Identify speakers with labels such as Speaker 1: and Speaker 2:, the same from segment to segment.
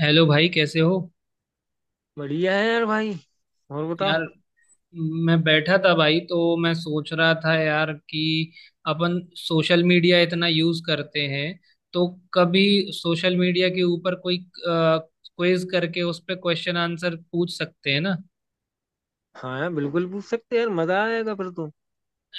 Speaker 1: Hello भाई कैसे हो।
Speaker 2: बढ़िया है यार भाई। और बता।
Speaker 1: यार मैं बैठा था भाई, तो मैं सोच रहा था यार कि अपन सोशल मीडिया इतना यूज करते हैं, तो कभी सोशल मीडिया के ऊपर कोई क्विज करके उस पे क्वेश्चन आंसर पूछ सकते हैं ना।
Speaker 2: हाँ यार, बिल्कुल पूछ सकते हैं यार, मजा आएगा फिर तो।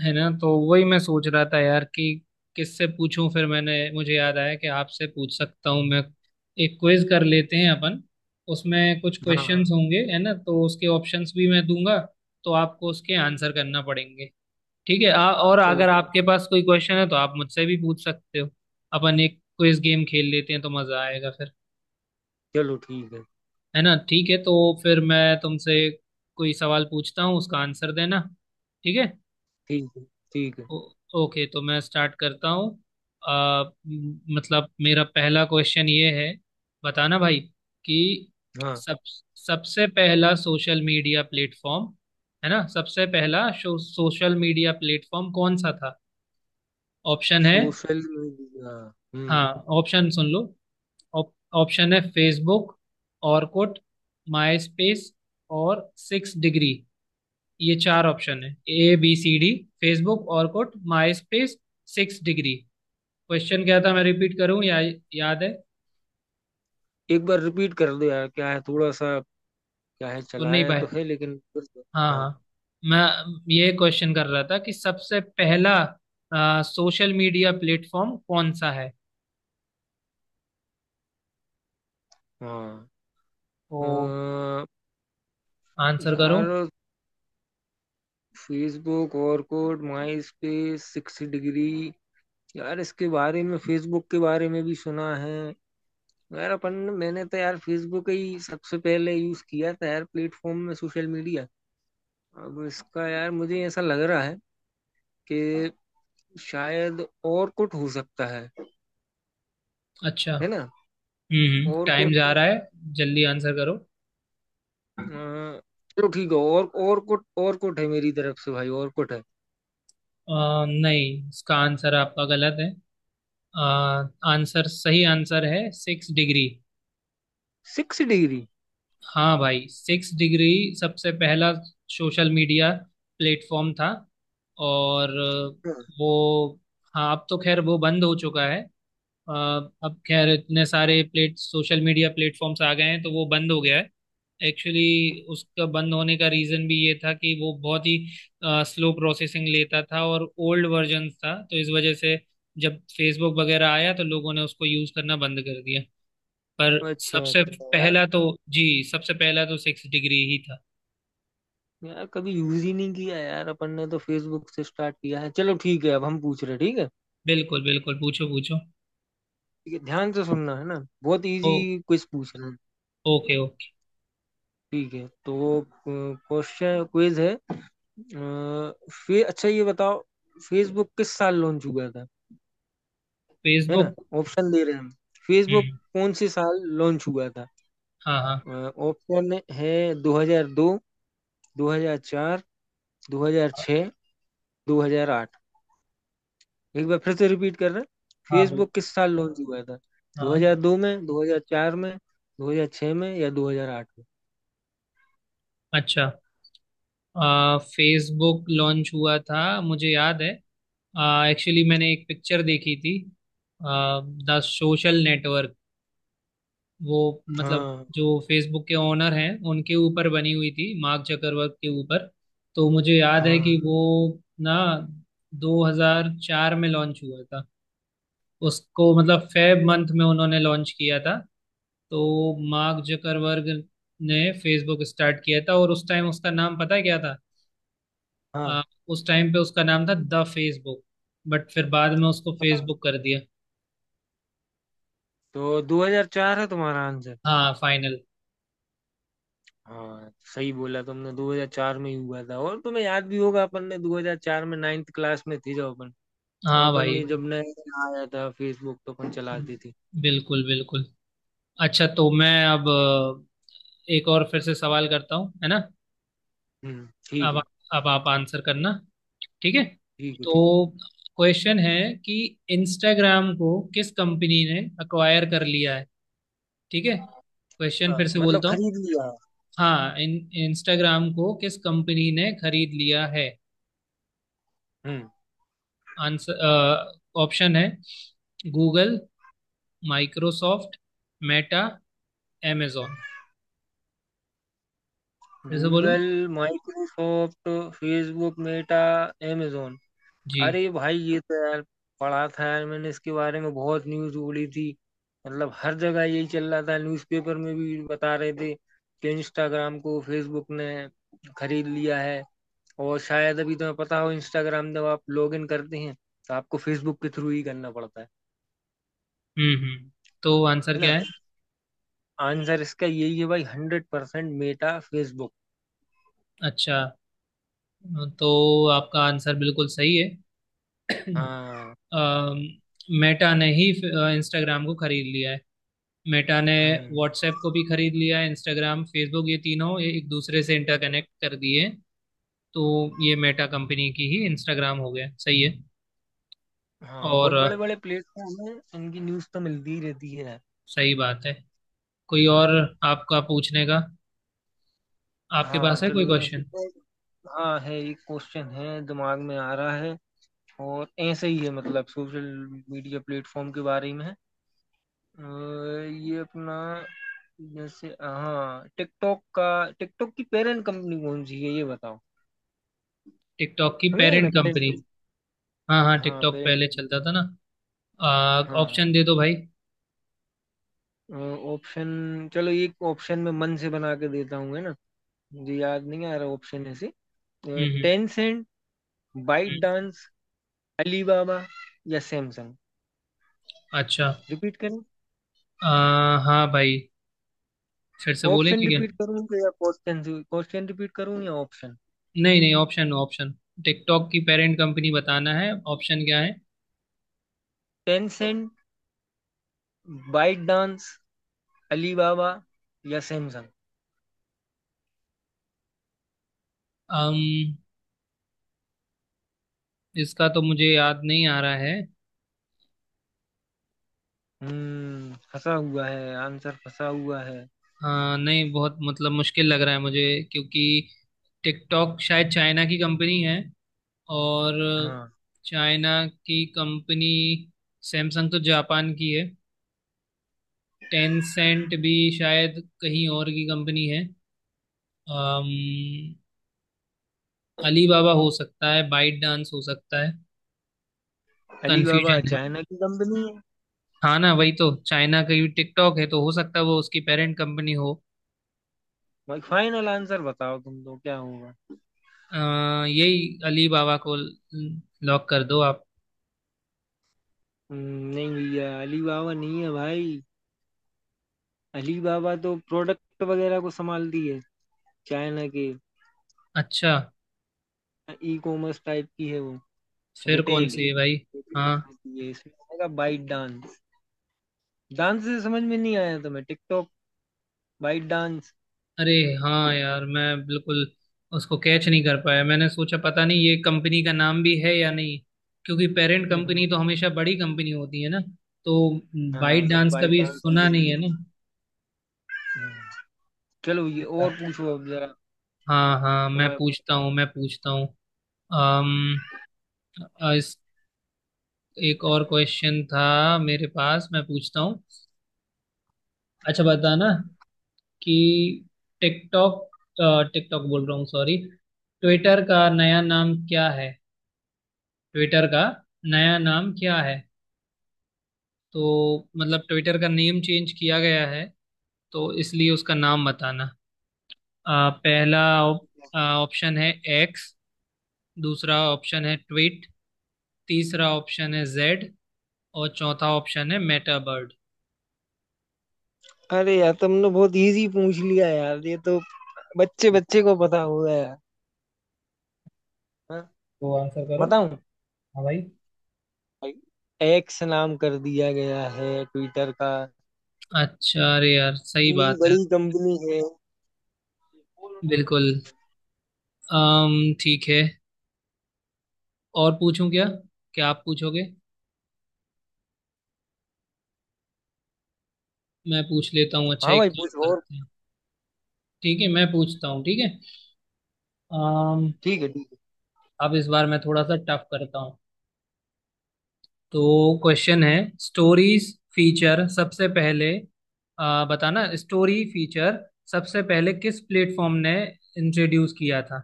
Speaker 1: है ना, तो वही मैं सोच रहा था यार कि किससे पूछूं। फिर मैंने मुझे याद आया कि आपसे पूछ सकता हूं मैं। एक क्विज कर लेते हैं अपन। उसमें कुछ
Speaker 2: हाँ, हाँ।
Speaker 1: क्वेश्चंस होंगे, है ना, तो उसके ऑप्शंस भी मैं दूंगा, तो आपको उसके आंसर करना पड़ेंगे। ठीक है। और
Speaker 2: चलो।
Speaker 1: अगर आपके पास कोई क्वेश्चन है तो आप मुझसे भी पूछ सकते हो। अपन एक क्विज गेम खेल लेते हैं, तो मजा आएगा फिर।
Speaker 2: चलो ठीक है।
Speaker 1: है ना, ठीक है। तो फिर मैं तुमसे कोई सवाल पूछता हूँ, उसका आंसर देना। ठीक है।
Speaker 2: ठीक है। ठीक है।
Speaker 1: ओ- ओके, तो मैं स्टार्ट करता हूँ। मतलब मेरा पहला क्वेश्चन ये है। बताना भाई कि
Speaker 2: हाँ।
Speaker 1: सब सबसे पहला सोशल मीडिया प्लेटफॉर्म, है ना, सबसे पहला सोशल मीडिया प्लेटफॉर्म कौन सा था। ऑप्शन है।
Speaker 2: Social media. हम्म।
Speaker 1: हाँ, ऑप्शन सुन लो। ऑप- ऑप्शन है फेसबुक, ऑरकुट, माई स्पेस और सिक्स डिग्री। ये चार ऑप्शन है। A B C D. Facebook, Orkut, MySpace, six degree. Question क्या था, मैं रिपीट करूं या याद है।
Speaker 2: एक बार रिपीट कर दो यार, क्या है थोड़ा सा। क्या है,
Speaker 1: सुन नहीं
Speaker 2: चलाया
Speaker 1: पाए।
Speaker 2: तो है लेकिन फिर से-
Speaker 1: हाँ
Speaker 2: हाँ,
Speaker 1: हाँ, मैं ये क्वेश्चन कर रहा था कि सबसे पहला सोशल मीडिया प्लेटफॉर्म कौन सा है।
Speaker 2: हाँ।
Speaker 1: तो
Speaker 2: अ,
Speaker 1: आंसर करो।
Speaker 2: यार, फेसबुक और कोड माई स्पेस सिक्स डिग्री। यार इसके बारे में, फेसबुक के बारे में भी सुना है। यार अपन। मैंने तो यार फेसबुक ही सबसे पहले यूज किया था यार, प्लेटफॉर्म में सोशल मीडिया। अब इसका यार मुझे ऐसा लग रहा है कि शायद और कुछ हो सकता है।
Speaker 1: अच्छा।
Speaker 2: है ना।
Speaker 1: हम्म,
Speaker 2: और
Speaker 1: टाइम
Speaker 2: कुछ।
Speaker 1: जा रहा है, जल्दी आंसर करो।
Speaker 2: अ, चलो ठीक है, और कुछ और कुछ है मेरी तरफ से भाई, और कुछ है।
Speaker 1: नहीं, इसका आंसर आपका गलत है। आ, आंसर, सही आंसर है सिक्स डिग्री।
Speaker 2: Six degree.
Speaker 1: हाँ भाई, सिक्स डिग्री सबसे पहला सोशल मीडिया प्लेटफॉर्म था। और
Speaker 2: हाँ।
Speaker 1: वो, हाँ, अब तो खैर वो बंद हो चुका है। अ, अब खैर इतने सारे प्लेट सोशल मीडिया प्लेटफॉर्म्स आ गए हैं तो वो बंद हो गया है। एक्चुअली उसका बंद होने का रीज़न भी ये था कि वो बहुत ही स्लो प्रोसेसिंग लेता था और ओल्ड वर्जन था, तो इस वजह से जब फेसबुक वगैरह आया तो लोगों ने उसको यूज़ करना बंद कर दिया। पर
Speaker 2: अच्छा,
Speaker 1: सबसे
Speaker 2: अच्छा यार।
Speaker 1: पहला तो जी, सबसे पहला तो सिक्स डिग्री ही था।
Speaker 2: यार कभी यूज ही नहीं किया यार, अपन ने तो फेसबुक से स्टार्ट किया है। चलो ठीक है, अब हम पूछ रहे हैं, ठीक है।
Speaker 1: बिल्कुल बिल्कुल, पूछो पूछो।
Speaker 2: ठीक है, ध्यान से सुनना, है ना। बहुत
Speaker 1: ओ,
Speaker 2: इजी। क्विज पूछ रहे हैं।
Speaker 1: Okay okay.
Speaker 2: ठीक है तो। क्वेश्चन क्विज है, फे अच्छा ये बताओ। फेसबुक किस साल लॉन्च हुआ था? है ना?
Speaker 1: फेसबुक।
Speaker 2: ऑप्शन दे रहे हैं हम। फेसबुक
Speaker 1: हम्म।
Speaker 2: कौन से साल लॉन्च हुआ था?
Speaker 1: हाँ हाँ।
Speaker 2: ऑप्शन है। 2002, 2004,
Speaker 1: हाँ।
Speaker 2: 2006, 2008। एक बार फिर से रिपीट कर रहे हैं।
Speaker 1: हाँ,
Speaker 2: फेसबुक
Speaker 1: बिल्कुल।
Speaker 2: किस साल लॉन्च हुआ था?
Speaker 1: हाँ।
Speaker 2: 2002 में, 2004 में, 2006 में या 2008 में?
Speaker 1: अच्छा, फेसबुक लॉन्च हुआ था, मुझे याद है। एक्चुअली मैंने एक पिक्चर देखी थी, द सोशल नेटवर्क। वो मतलब
Speaker 2: हाँ,
Speaker 1: जो फेसबुक के ओनर हैं उनके ऊपर बनी हुई थी, मार्क जकरवर्ग के ऊपर। तो मुझे याद है
Speaker 2: हाँ,
Speaker 1: कि वो ना 2004 में लॉन्च हुआ था। उसको मतलब फेब मंथ में उन्होंने लॉन्च किया था। तो मार्क जकरवर्ग ने फेसबुक स्टार्ट किया था और उस टाइम उसका नाम पता है क्या था। आ,
Speaker 2: हाँ।
Speaker 1: उस टाइम पे उसका नाम था द फेसबुक, बट फिर बाद में उसको फेसबुक कर दिया।
Speaker 2: तो 2004 है तुम्हारा आंसर?
Speaker 1: हाँ फाइनल।
Speaker 2: हाँ, सही बोला तुमने। 2004 में ही हुआ था, और तुम्हें याद भी होगा, अपन ने 2004 में नाइन्थ क्लास में थी जब अपन। तब
Speaker 1: हाँ
Speaker 2: अपन
Speaker 1: भाई,
Speaker 2: ने जब नया आया था फेसबुक तो अपन चलाती थी।
Speaker 1: बिल्कुल बिल्कुल। अच्छा, तो मैं अब एक और फिर से सवाल करता हूँ, है ना।
Speaker 2: हम्म, ठीक है।
Speaker 1: अब आप आंसर करना। ठीक है।
Speaker 2: ठीक है,
Speaker 1: तो
Speaker 2: ठीक।
Speaker 1: क्वेश्चन है कि इंस्टाग्राम को किस कंपनी ने अक्वायर कर लिया है। ठीक है, क्वेश्चन फिर
Speaker 2: हाँ,
Speaker 1: से
Speaker 2: मतलब
Speaker 1: बोलता हूँ।
Speaker 2: खरीद लिया।
Speaker 1: हाँ इन इंस्टाग्राम को किस कंपनी ने खरीद लिया है।
Speaker 2: हम्म।
Speaker 1: आंसर, ऑप्शन है गूगल, माइक्रोसॉफ्ट, मेटा, amazon। फिर से बोलूँ।
Speaker 2: Google, Microsoft, Facebook, Meta, amazon। अरे
Speaker 1: जी।
Speaker 2: भाई ये तो यार, पढ़ा था यार मैंने इसके बारे में, बहुत न्यूज उड़ी थी। मतलब हर जगह यही चल रहा था, न्यूज़पेपर में भी बता रहे थे कि इंस्टाग्राम को फेसबुक ने खरीद लिया है। और शायद अभी तुम्हें पता हो, इंस्टाग्राम जब आप लॉग इन करते हैं तो आपको फेसबुक के थ्रू ही करना पड़ता है।
Speaker 1: हम्म। तो आंसर
Speaker 2: है ना।
Speaker 1: क्या है।
Speaker 2: आंसर इसका यही है भाई, हंड्रेड परसेंट मेटा फेसबुक।
Speaker 1: अच्छा, तो आपका आंसर बिल्कुल सही है।
Speaker 2: हाँ।
Speaker 1: मेटा ने ही इंस्टाग्राम को खरीद लिया है। मेटा ने
Speaker 2: हम्म।
Speaker 1: व्हाट्सएप को भी खरीद लिया है। इंस्टाग्राम, फेसबुक, ये तीनों ये एक दूसरे से इंटरकनेक्ट कर दिए। तो ये मेटा कंपनी की ही इंस्टाग्राम हो गया। सही है।
Speaker 2: हाँ,
Speaker 1: और
Speaker 2: बहुत बड़े बड़े प्लेटफॉर्म है, इनकी न्यूज तो मिलती ही रहती है।
Speaker 1: सही बात है। कोई और आपका पूछने का, आपके
Speaker 2: हाँ,
Speaker 1: पास है कोई
Speaker 2: चलो ये।
Speaker 1: क्वेश्चन।
Speaker 2: हाँ है, एक क्वेश्चन है दिमाग में आ रहा है। और ऐसे ही है, मतलब सोशल मीडिया प्लेटफॉर्म के बारे में है। ये अपना। जैसे, हाँ, टिकटॉक का। टिकटॉक की पेरेंट कंपनी कौन सी है, ये बताओ।
Speaker 1: टिकटॉक की
Speaker 2: समझ गए ना
Speaker 1: पेरेंट
Speaker 2: पेरेंट?
Speaker 1: कंपनी। हाँ हाँ,
Speaker 2: हाँ,
Speaker 1: टिकटॉक
Speaker 2: पेरेंट।
Speaker 1: पहले चलता था ना।
Speaker 2: हाँ।
Speaker 1: ऑप्शन दे दो भाई। हम्म।
Speaker 2: ऑप्शन। चलो एक ऑप्शन में मन से बना के देता हूँ, है ना। मुझे याद नहीं आ रहा ऑप्शन ऐसे।
Speaker 1: हम्म।
Speaker 2: टेंसेंट, बाइट
Speaker 1: हम्म,
Speaker 2: डांस, अलीबाबा या सैमसंग।
Speaker 1: अच्छा।
Speaker 2: रिपीट करें?
Speaker 1: हाँ भाई, फिर से
Speaker 2: ऑप्शन
Speaker 1: बोलेंगे क्या।
Speaker 2: रिपीट करूं तो, या क्वेश्चन क्वेश्चन रिपीट करूं या ऑप्शन?
Speaker 1: नहीं नहीं ऑप्शन ऑप्शन, टिकटॉक की पेरेंट कंपनी बताना है, ऑप्शन क्या है।
Speaker 2: टेंसेंट, बाइट डांस, अलीबाबा या सैमसंग।
Speaker 1: अम, इसका तो मुझे याद नहीं आ रहा है।
Speaker 2: हम्म, फंसा हुआ है आंसर, फंसा हुआ है।
Speaker 1: हाँ नहीं, बहुत मतलब मुश्किल लग रहा है मुझे, क्योंकि टिकटॉक शायद चाइना की कंपनी है। और
Speaker 2: हाँ।
Speaker 1: चाइना की कंपनी, सैमसंग तो जापान की है, टेंसेंट भी शायद कहीं और की कंपनी है। अम, अलीबाबा हो सकता है, बाइट डांस हो सकता है।
Speaker 2: अलीबाबा
Speaker 1: कंफ्यूजन है।
Speaker 2: चाइना की कंपनी है।
Speaker 1: हाँ ना, वही तो चाइना का ही टिकटॉक है, तो हो सकता है वो उसकी पेरेंट कंपनी हो।
Speaker 2: भाई, फाइनल आंसर बताओ तुम तो क्या होगा?
Speaker 1: आ, यही अली बाबा को लॉक कर दो आप।
Speaker 2: नहीं भैया, अलीबाबा नहीं है भाई। अलीबाबा तो प्रोडक्ट वगैरह को संभालती है। चाइना के।
Speaker 1: अच्छा,
Speaker 2: ई कॉमर्स टाइप की है वो।
Speaker 1: फिर कौन
Speaker 2: रिटेल
Speaker 1: सी है भाई। हाँ,
Speaker 2: बनाती है, इसमें आएगा बाइट डांस। डांस से समझ में नहीं आया तुम्हें, टिकटॉक, वाइट डांस।
Speaker 1: अरे, हाँ यार, मैं बिल्कुल उसको कैच नहीं कर पाया। मैंने सोचा पता नहीं ये कंपनी का नाम भी है या नहीं, क्योंकि पेरेंट कंपनी तो हमेशा बड़ी कंपनी होती है ना। तो
Speaker 2: हाँ,
Speaker 1: बाइट डांस का
Speaker 2: वाइट
Speaker 1: भी
Speaker 2: डांस भी
Speaker 1: सुना
Speaker 2: बड़ी
Speaker 1: नहीं है
Speaker 2: गंदी
Speaker 1: ना।
Speaker 2: है। चलो, ये और पूछो अब जरा।
Speaker 1: हाँ हाँ,
Speaker 2: तुम्हारे।
Speaker 1: मैं पूछता हूँ। अम, एक और क्वेश्चन था मेरे पास, मैं पूछता हूँ। अच्छा बताना कि टिकटॉक टिकटॉक बोल रहा हूँ, सॉरी। ट्विटर का नया नाम क्या है। ट्विटर का नया नाम क्या है। तो मतलब ट्विटर का नेम चेंज किया गया है, तो इसलिए उसका नाम बताना। पहला ऑप्शन है एक्स, दूसरा ऑप्शन है ट्वीट, तीसरा ऑप्शन है जेड, और चौथा ऑप्शन है मेटाबर्ड।
Speaker 2: अरे यार तुमने बहुत इजी पूछ लिया यार, ये तो बच्चे बच्चे को पता होगा यार। हाँ।
Speaker 1: तो आंसर करो।
Speaker 2: बताऊं?
Speaker 1: हाँ भाई।
Speaker 2: एक्स नाम कर दिया गया है ट्विटर का।
Speaker 1: अच्छा, अरे यार सही
Speaker 2: इतनी
Speaker 1: बात है।
Speaker 2: बड़ी कंपनी है।
Speaker 1: बिल्कुल। अम, ठीक है। और पूछूं क्या, क्या आप पूछोगे। मैं पूछ लेता हूँ, अच्छा
Speaker 2: हाँ
Speaker 1: एक
Speaker 2: भाई,
Speaker 1: काम
Speaker 2: पूछ और।
Speaker 1: करते हैं। ठीक है, मैं पूछता हूँ, ठीक है। अम,
Speaker 2: ठीक है, ठीक।
Speaker 1: अब इस बार मैं थोड़ा सा टफ करता हूँ। तो क्वेश्चन है, स्टोरीज फीचर सबसे पहले, बताना, स्टोरी फीचर सबसे पहले किस प्लेटफॉर्म ने इंट्रोड्यूस किया था।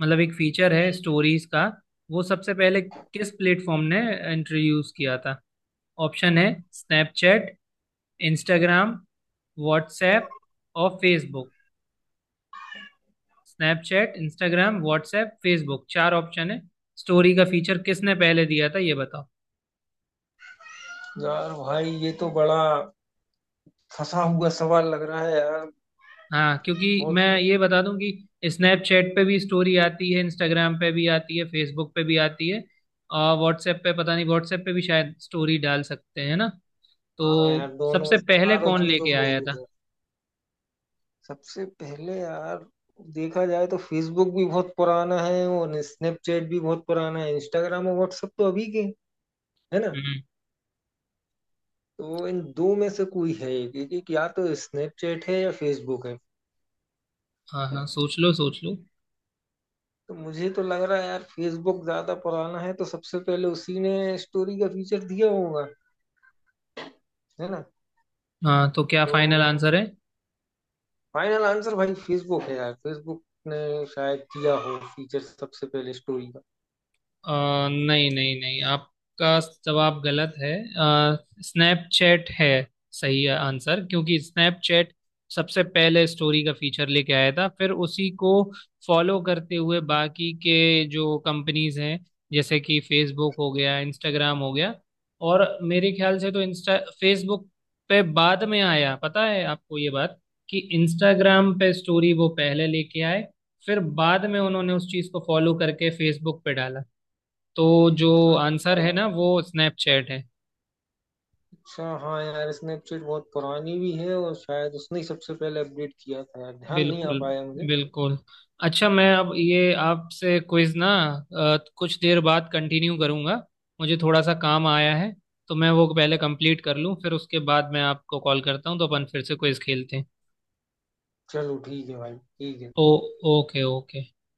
Speaker 1: मतलब एक फीचर है स्टोरीज का, वो सबसे पहले किस प्लेटफॉर्म ने इंट्रोड्यूस किया था। ऑप्शन है स्नैपचैट, इंस्टाग्राम, व्हाट्सएप और Facebook. Snapchat, Instagram, WhatsApp, Facebook, चार ऑप्शन है। स्टोरी का फीचर किसने पहले दिया था, ये बताओ।
Speaker 2: है यार भाई, ये तो बड़ा फंसा हुआ सवाल लग रहा है यार।
Speaker 1: हाँ क्योंकि
Speaker 2: बहुत।
Speaker 1: मैं ये बता दूं कि स्नैपचैट पे भी स्टोरी आती है, इंस्टाग्राम पे भी आती है, फेसबुक पे भी आती है, और व्हाट्सएप पे पता नहीं, व्हाट्सएप पे भी शायद स्टोरी डाल सकते हैं ना।
Speaker 2: हाँ
Speaker 1: तो
Speaker 2: यार, दोनों
Speaker 1: सबसे पहले
Speaker 2: चारों
Speaker 1: कौन
Speaker 2: चीजों
Speaker 1: लेके
Speaker 2: में
Speaker 1: आया था।
Speaker 2: ही है। सबसे पहले यार, देखा जाए तो फेसबुक भी बहुत पुराना है और स्नैपचैट भी बहुत पुराना है, इंस्टाग्राम और व्हाट्सएप तो अभी के। है ना।
Speaker 1: हम्म।
Speaker 2: तो इन दो में से कोई है, एक एक- एक, या तो स्नैपचैट है या फेसबुक है।
Speaker 1: हाँ हाँ, सोच लो सोच लो।
Speaker 2: तो मुझे तो लग रहा है यार, फेसबुक ज्यादा पुराना है तो सबसे पहले उसी ने स्टोरी का फीचर दिया होगा। है ना।
Speaker 1: हाँ, तो क्या फाइनल
Speaker 2: तो
Speaker 1: आंसर है।
Speaker 2: फाइनल आंसर भाई, फेसबुक है यार, फेसबुक ने शायद किया हो फीचर सबसे पहले स्टोरी का।
Speaker 1: अ, नहीं नहीं नहीं, आपका जवाब गलत है, स्नैपचैट है सही आंसर, क्योंकि स्नैपचैट सबसे पहले स्टोरी का फीचर लेके आया था। फिर उसी को फॉलो करते हुए बाकी के जो कंपनीज हैं, जैसे कि फेसबुक हो गया, इंस्टाग्राम हो गया। और मेरे ख्याल से तो इंस्टा फेसबुक पे बाद में आया, पता है आपको ये बात, कि इंस्टाग्राम पे स्टोरी वो पहले लेके आए, फिर बाद में उन्होंने उस चीज को फॉलो करके फेसबुक पे डाला। तो जो
Speaker 2: अच्छा।
Speaker 1: आंसर है ना, वो स्नैपचैट है।
Speaker 2: अच्छा हाँ यार, स्नैपचैट बहुत पुरानी भी है और शायद उसने ही सबसे पहले अपडेट किया था यार, ध्यान नहीं आ
Speaker 1: बिल्कुल
Speaker 2: पाया मुझे।
Speaker 1: बिल्कुल। अच्छा, मैं अब ये आपसे क्विज ना कुछ देर बाद कंटिन्यू करूंगा। मुझे थोड़ा सा काम आया है, तो मैं वो पहले कंप्लीट कर लूं, फिर उसके बाद मैं आपको कॉल करता हूँ, तो अपन फिर से क्विज खेलते हैं।
Speaker 2: चलो ठीक है भाई, ठीक है।
Speaker 1: ओ, ओके ओके।